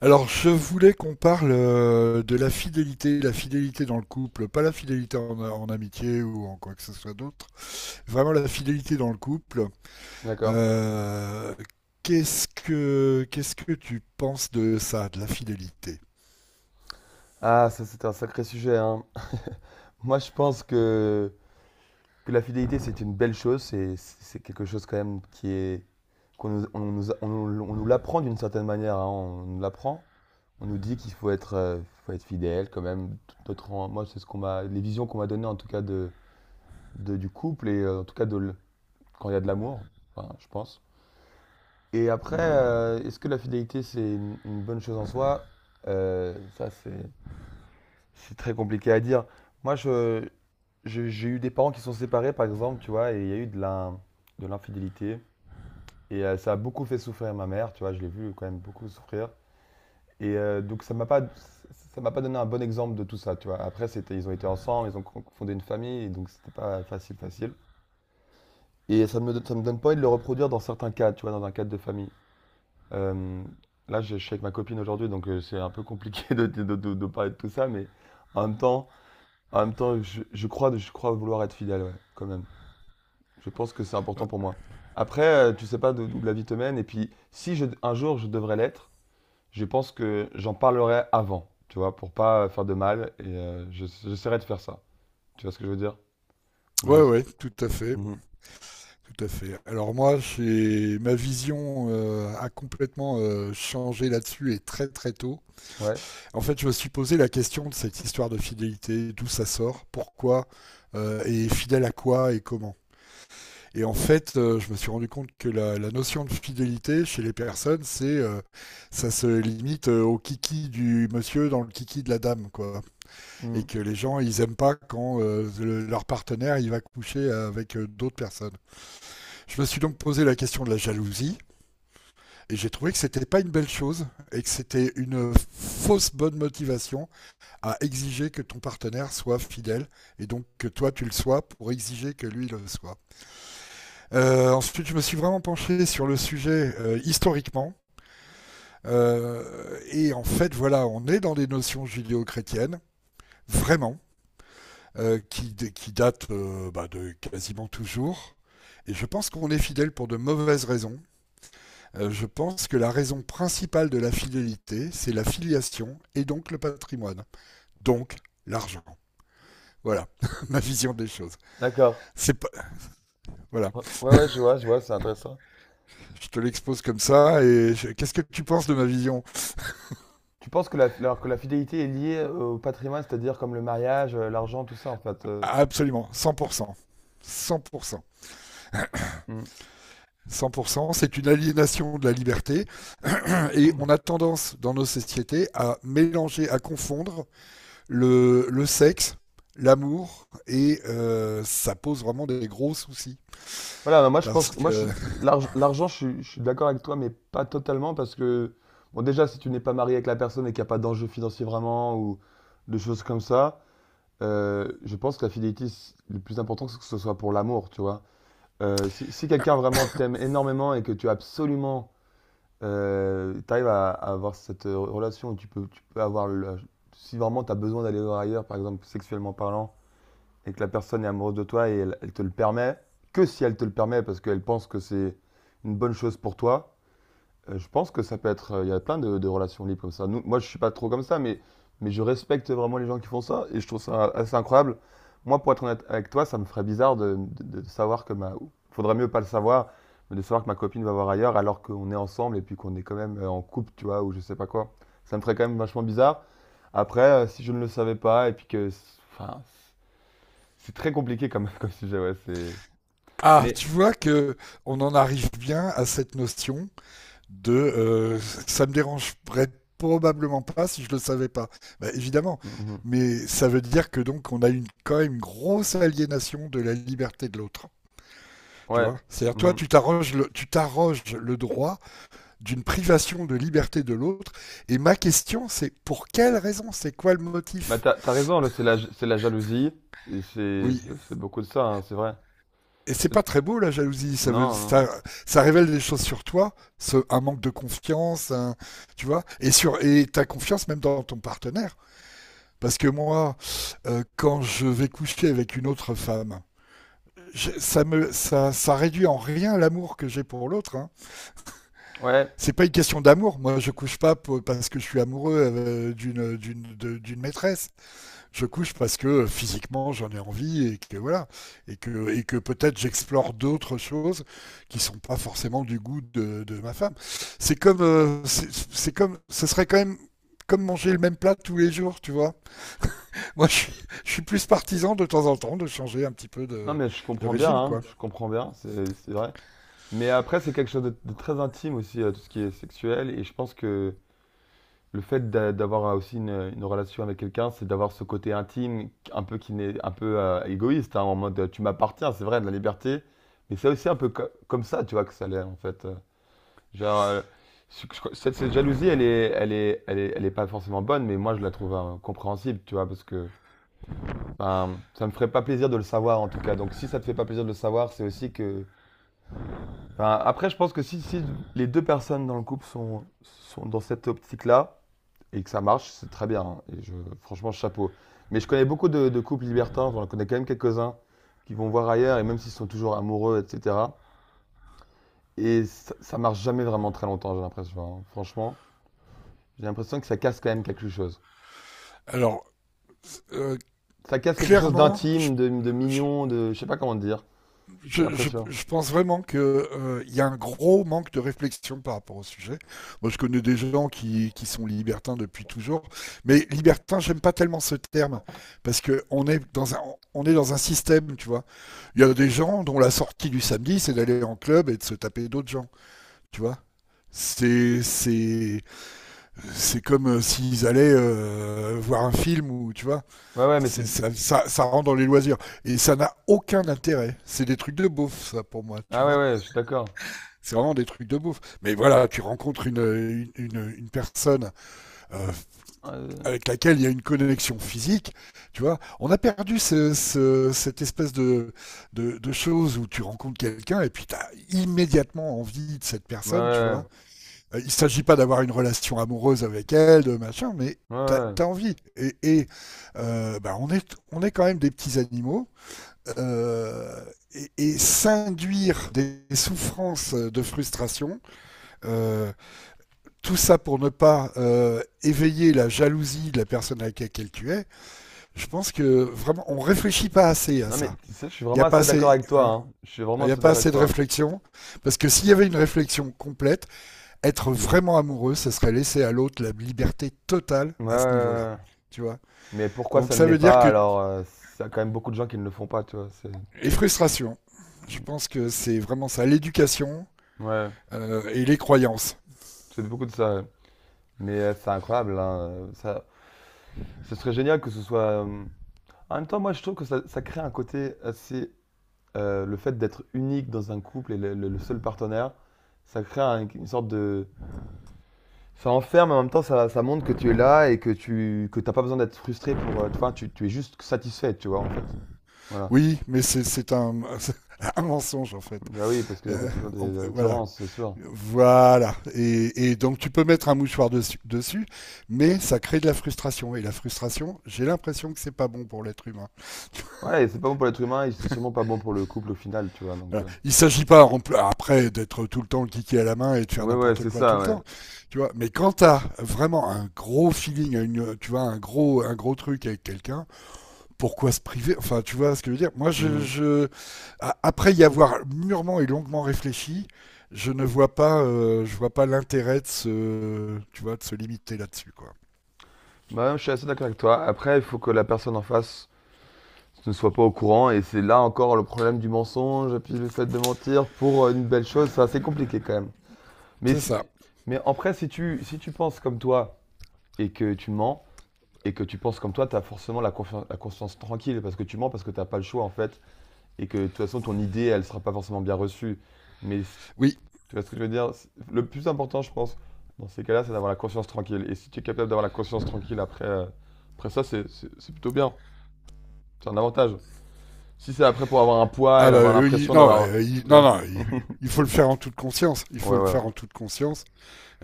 Alors, je voulais qu'on parle de la fidélité dans le couple, pas la fidélité en amitié ou en quoi que ce soit d'autre, vraiment la fidélité dans le couple. D'accord. Euh, qu'est-ce que tu penses de ça, de la fidélité? Ah, ça c'est un sacré sujet, hein. Moi je pense que la fidélité c'est une belle chose, c'est quelque chose quand même qui est qu'on nous l'apprend d'une certaine manière, hein, on nous l'apprend. On nous dit qu'il faut être fidèle quand même. Moi c'est ce qu'on m'a, les visions qu'on m'a données en tout cas du couple et en tout cas quand il y a de l'amour, enfin, je pense. Et après, est-ce que la fidélité c'est une bonne chose en soi? Ça c'est très compliqué à dire. Moi, j'ai eu des parents qui sont séparés, par exemple, tu vois, et il y a eu de l'infidélité. Et ça a beaucoup fait souffrir ma mère, tu vois, je l'ai vu quand même beaucoup souffrir. Et donc, ça m'a pas donné un bon exemple de tout ça, tu vois. Après, c'était, ils ont été ensemble, ils ont fondé une famille, et donc c'était pas facile, facile. Et ça me donne pas envie de le reproduire dans certains cas, tu vois, dans un cadre de famille. Euh, je suis avec ma copine aujourd'hui, donc c'est un peu compliqué de parler de tout ça, mais en même temps. En même temps, je crois vouloir être fidèle, ouais, quand même. Je pense que c'est important pour moi. Après, tu sais pas d'où la vie te mène. Et puis, si un jour je devrais l'être, je pense que j'en parlerai avant, tu vois, pour pas faire de mal. Et j'essaierai de faire ça. Tu vois ce que je veux dire? Ou j'ai- Ouais, ouais, tout à fait, Mhm. tout à fait. Alors moi, j'ai ma vision a complètement changé là-dessus et très très tôt. Ouais. En fait, je me suis posé la question de cette histoire de fidélité, d'où ça sort, pourquoi, et fidèle à quoi et comment. Et en fait, je me suis rendu compte que la notion de fidélité chez les personnes, c'est ça se limite au kiki du monsieur dans le kiki de la dame, quoi. Et Mhm. que les gens, ils aiment pas quand leur partenaire, il va coucher avec d'autres personnes. Je me suis donc posé la question de la jalousie et j'ai trouvé que c'était pas une belle chose et que c'était une fausse bonne motivation à exiger que ton partenaire soit fidèle et donc que toi tu le sois pour exiger que lui le soit. Ensuite, je me suis vraiment penché sur le sujet historiquement. Et en fait, voilà, on est dans des notions judéo-chrétiennes, vraiment, qui datent bah, de quasiment toujours. Et je pense qu'on est fidèle pour de mauvaises raisons. Je pense que la raison principale de la fidélité, c'est la filiation et donc le patrimoine, donc l'argent. Voilà ma vision des choses. D'accord. C'est pas... Voilà, Ouais, ouais, ouais, je vois, c'est intéressant. je te l'expose comme ça. Qu'est-ce que tu penses de ma vision? Tu penses que alors que la fidélité est liée au patrimoine, c'est-à-dire comme le mariage, l'argent, tout ça, en fait. Absolument, 100%. 100%. Mmh. 100%, c'est une aliénation de la liberté et on a tendance dans nos sociétés à mélanger, à confondre le sexe, l'amour et ça pose vraiment des gros soucis Voilà, bah, moi je parce pense que moi je que l'argent, je suis d'accord avec toi, mais pas totalement parce que bon déjà si tu n'es pas marié avec la personne et qu'il n'y a pas d'enjeu financier vraiment ou de choses comme ça, je pense que la fidélité, le plus important c'est que ce soit pour l'amour, tu vois. Si quelqu'un vraiment t'aime énormément et que tu as absolument, t'arrives à avoir cette relation où tu peux avoir si vraiment tu as besoin d'aller voir ailleurs, par exemple sexuellement parlant, et que la personne est amoureuse de toi et elle te le permet, que si elle te le permet parce qu'elle pense que c'est une bonne chose pour toi, je pense que ça peut être. Il y a plein de relations libres comme ça. Nous, moi, je suis pas trop comme ça, mais je respecte vraiment les gens qui font ça et je trouve ça assez incroyable. Moi, pour être honnête avec toi, ça me ferait bizarre de savoir que ma. Faudrait mieux pas le savoir, mais de savoir que ma copine va voir ailleurs alors qu'on est ensemble et puis qu'on est quand même en couple, tu vois, ou je sais pas quoi. Ça me ferait quand même vachement bizarre. Après, si je ne le savais pas et puis que. Enfin, c'est très compliqué comme, comme sujet, ouais, c'est... ah, Mais tu vois que on en arrive bien à cette notion de ça me dérangerait probablement pas si je le savais pas. Bah, évidemment, Mhm. mais ça veut dire que donc on a une quand même une grosse aliénation de la liberté de l'autre. Tu Ouais. vois? C'est-à-dire toi Mhm. Tu t'arroges le droit d'une privation de liberté de l'autre, et ma question, c'est pour quelle raison? C'est quoi le Bah, motif? t'as raison, là, c'est c'est la jalousie. Et c'est, Oui. c'est c'est beaucoup de ça, hein, c'est vrai. Et c'est C'est- pas très beau la jalousie, Non, non. ça révèle des choses sur toi, un manque de confiance, un- tu vois, et sur et ta confiance même dans ton partenaire. Parce que moi, quand je vais coucher avec une autre femme, ça réduit en rien l'amour que j'ai pour l'autre, hein. Ouais. C'est pas une question d'amour. Moi, je couche pas pour- parce que je suis amoureux d'une maîtresse. Je couche parce que physiquement j'en ai envie et que voilà et que peut-être j'explore d'autres choses qui sont pas forcément du goût de ma femme. C'est comme c'est comme ce serait quand même comme manger le même plat tous les jours, tu vois. Moi, je suis, je suis plus partisan de temps en temps de changer un petit peu Non, mais je de comprends bien, régime, hein, quoi. je comprends bien, c'est vrai. Mais après, c'est quelque chose de très intime aussi, tout ce qui est sexuel. Et je pense que le fait d'avoir aussi une relation avec quelqu'un, c'est d'avoir ce côté intime, un peu qui n'est un peu égoïste, hein, en mode tu m'appartiens, c'est vrai, de la liberté. Mais c'est aussi un peu comme ça, tu vois, que ça l'est, en fait. Genre, je cette jalousie, elle est pas forcément bonne, mais moi, je la trouve compréhensible, tu vois, parce que ben, ça me ferait pas plaisir de le savoir, en tout cas. Donc, si ça te fait pas plaisir de le savoir, c'est aussi que... Enfin, après, je pense que si les deux personnes dans le couple sont dans cette optique-là, et que ça marche, c'est très bien, hein, et franchement, chapeau. Mais je connais beaucoup de couples libertins, j'en connais quand même quelques-uns, qui vont voir ailleurs, et même s'ils sont toujours amoureux, etc. Et ça marche jamais vraiment très longtemps, j'ai l'impression, hein. Franchement. J'ai l'impression que ça casse quand même quelque chose. Alors, euh, Ça casse quelque chose clairement, d'intime, de mignon, de. Je sais pas comment te dire. J'ai l'impression. je pense vraiment qu'il il y a un gros manque de réflexion par rapport au sujet. Moi, je connais des gens qui sont libertins depuis toujours, mais libertin, j'aime pas tellement ce terme parce que on est dans un système, tu vois. Il y a des gens dont la sortie du samedi, c'est d'aller en club et de se taper d'autres gens, tu vois. C'est c'est c'est comme s'ils allaient voir un film ou tu vois, Ouais, ouais, mais c'est. Ça rentre dans les loisirs et ça n'a aucun intérêt. C'est des trucs de beauf ça pour moi, tu Ah ouais, vois. ouais, je suis d'accord. C'est vraiment des trucs de beauf. Mais voilà, tu rencontres une personne euh, Euh, avec laquelle il y a une connexion physique, tu vois. On a perdu cette espèce de choses où tu rencontres quelqu'un et puis t'as immédiatement envie de cette Ouais, personne, tu ouais, vois. Il ne s'agit pas d'avoir une relation amoureuse avec elle, de machin, mais ouais. Ouais. Ouais. Envie. Et on est quand même des petits animaux. Euh, et s'induire des souffrances de frustration, euh, tout ça pour ne pas éveiller la jalousie de la personne avec laquelle tu es, je pense que vraiment on réfléchit pas assez à Non, mais ça. tu sais, je suis Il n'y vraiment a pas assez assez, d'accord avec toi, hein, hein. Je suis il vraiment n'y a assez pas d'accord assez avec de toi. réflexion, parce que s'il y avait une réflexion complète, être vraiment amoureux, ce serait laisser à l'autre la liberté totale Ouais, ouais, à ce niveau-là. ouais. Ouais. Tu vois? Mais pourquoi Donc ça ne ça l'est veut dire pas que alors? Ça a quand même beaucoup de gens qui ne le font pas, tu vois. C'est... les frustrations, je Mm. pense que c'est vraiment ça, l'éducation Ouais, et les croyances. c'est beaucoup de ça. Ouais. Mais c'est incroyable, hein, ça... Ce serait génial que ce soit. En même temps, moi, je trouve que ça crée un côté assez le fait d'être unique dans un couple et le seul partenaire, ça crée une sorte de... Ça enferme, mais en même temps, ça montre que tu es là et que tu que t'as pas besoin d'être frustré pour... Tu vois, tu es juste satisfait, tu vois, en fait. Voilà. Oui, mais un mensonge en fait. Bah oui, parce que t'as Euh, toujours des voilà. attirances, c'est sûr. Voilà. Et donc tu peux mettre un mouchoir dessus, mais ça crée de la frustration. Et la frustration, j'ai l'impression que c'est pas bon pour l'être humain. Ouais, et c'est pas bon pour l'être humain et c'est sûrement pas bon pour le couple au final, tu vois, donc... Voilà. Il ne s'agit pas après d'être tout le temps le kiki à la main et de faire Ouais, ouais, n'importe c'est quoi tout ça, le ouais. temps, tu vois. Mais quand t'as vraiment un gros feeling, une, tu vois, un gros truc avec quelqu'un, pourquoi se priver? Enfin, tu vois ce que je veux dire? Moi, Mhm. je- a- après y avoir mûrement et longuement réfléchi, je vois pas l'intérêt de se, tu vois, de se limiter là-dessus, quoi. Bah, je suis assez d'accord avec toi. Après, il faut que la personne en face ne soient pas au courant. Et c'est là encore le problème du mensonge, puis le fait de mentir pour une belle chose, c'est assez compliqué quand même. Mais, C'est si ça. tu- Mais après, si tu penses comme toi et que tu mens, et que tu penses comme toi, tu as forcément la conscience tranquille, parce que tu mens, parce que tu n'as pas le choix en fait, et que de toute façon, ton idée, elle sera pas forcément bien reçue. Mais Oui. tu vois ce que je veux dire? Le plus important, je pense, dans ces cas-là, c'est d'avoir la conscience tranquille. Et si tu es capable d'avoir la conscience tranquille après, après ça, c'est plutôt bien. C'est un avantage. Si c'est après pour avoir un poids Ah et bah avoir oui, l'impression d'avoir, tu non, vois? non, il faut le faire en toute conscience. Il Ouais, faut le ouais, ouais. faire en toute conscience.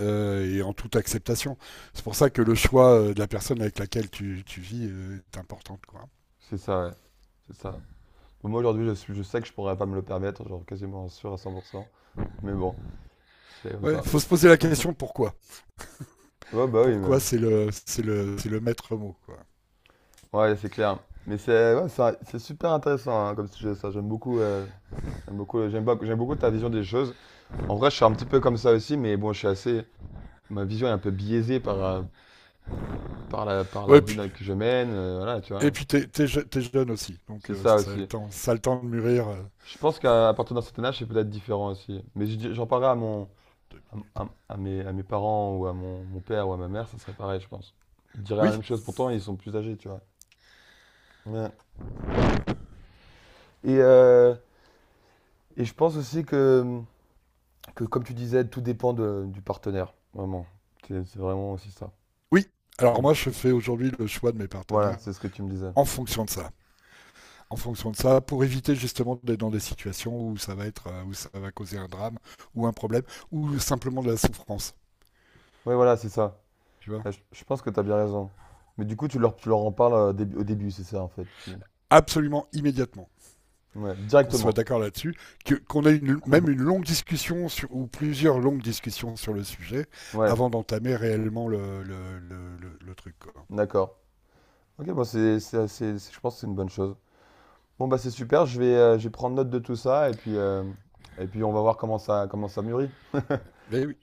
Et en toute acceptation. C'est pour ça que le choix de la personne avec laquelle tu vis est important. Quoi. C'est ça, ouais. C'est ça. Moi aujourd'hui, je sais que je pourrais pas me le permettre, genre quasiment sûr à 100%. Mais bon, c'est comme Ouais, ça. faut se poser la question pourquoi. Ouais, bah oui, mais... Pourquoi c'est le c'est le c'est le maître mot. Quoi. Ouais, c'est clair. Mais c'est ouais, c'est super intéressant, hein, comme sujet, ça. J'aime beaucoup, j'aime beaucoup ta vision des choses. En vrai, je suis un petit peu comme ça aussi, mais bon, je suis assez, ma vision est un peu biaisée par la Ouais, vie puis, que je mène, voilà, tu et vois. puis t'es jeune aussi, donc C'est ça ça a le aussi. temps, ça a le temps de mûrir. Je pense qu'à partir d'un certain âge, c'est peut-être différent aussi. Mais j'en parlerai à mon, de- à mes parents ou à mon père ou à ma mère, ça serait pareil, je pense. Ils diraient la Oui, même chose, pourtant ils sont plus âgés, tu vois. Ouais. Et, euh, et je pense aussi que, comme tu disais, tout dépend du partenaire, vraiment. C'est vraiment aussi ça. oui. Alors Mm. moi je fais aujourd'hui le choix de mes Voilà, partenaires c'est ce que tu me disais. en fonction de ça. En fonction de ça, pour éviter justement d'être dans des situations où ça va être où ça va causer un drame ou un problème ou simplement de la souffrance. Ouais, voilà, c'est ça. Tu vois. Ouais, je pense que tu as bien raison. Mais du coup, tu leur en parles au début, c'est ça, en fait. Absolument immédiatement. Ouais, Qu'on soit directement. d'accord là-dessus, que, qu'on ait une- même une longue discussion sur, ou plusieurs longues discussions sur le sujet Ouais, avant d'entamer réellement le truc. Quoi. d'accord. Ok, bon, je pense que c'est une bonne chose. Bon, bah c'est super, je vais prendre note de tout ça et puis on va voir comment ça mûrit. Mais oui,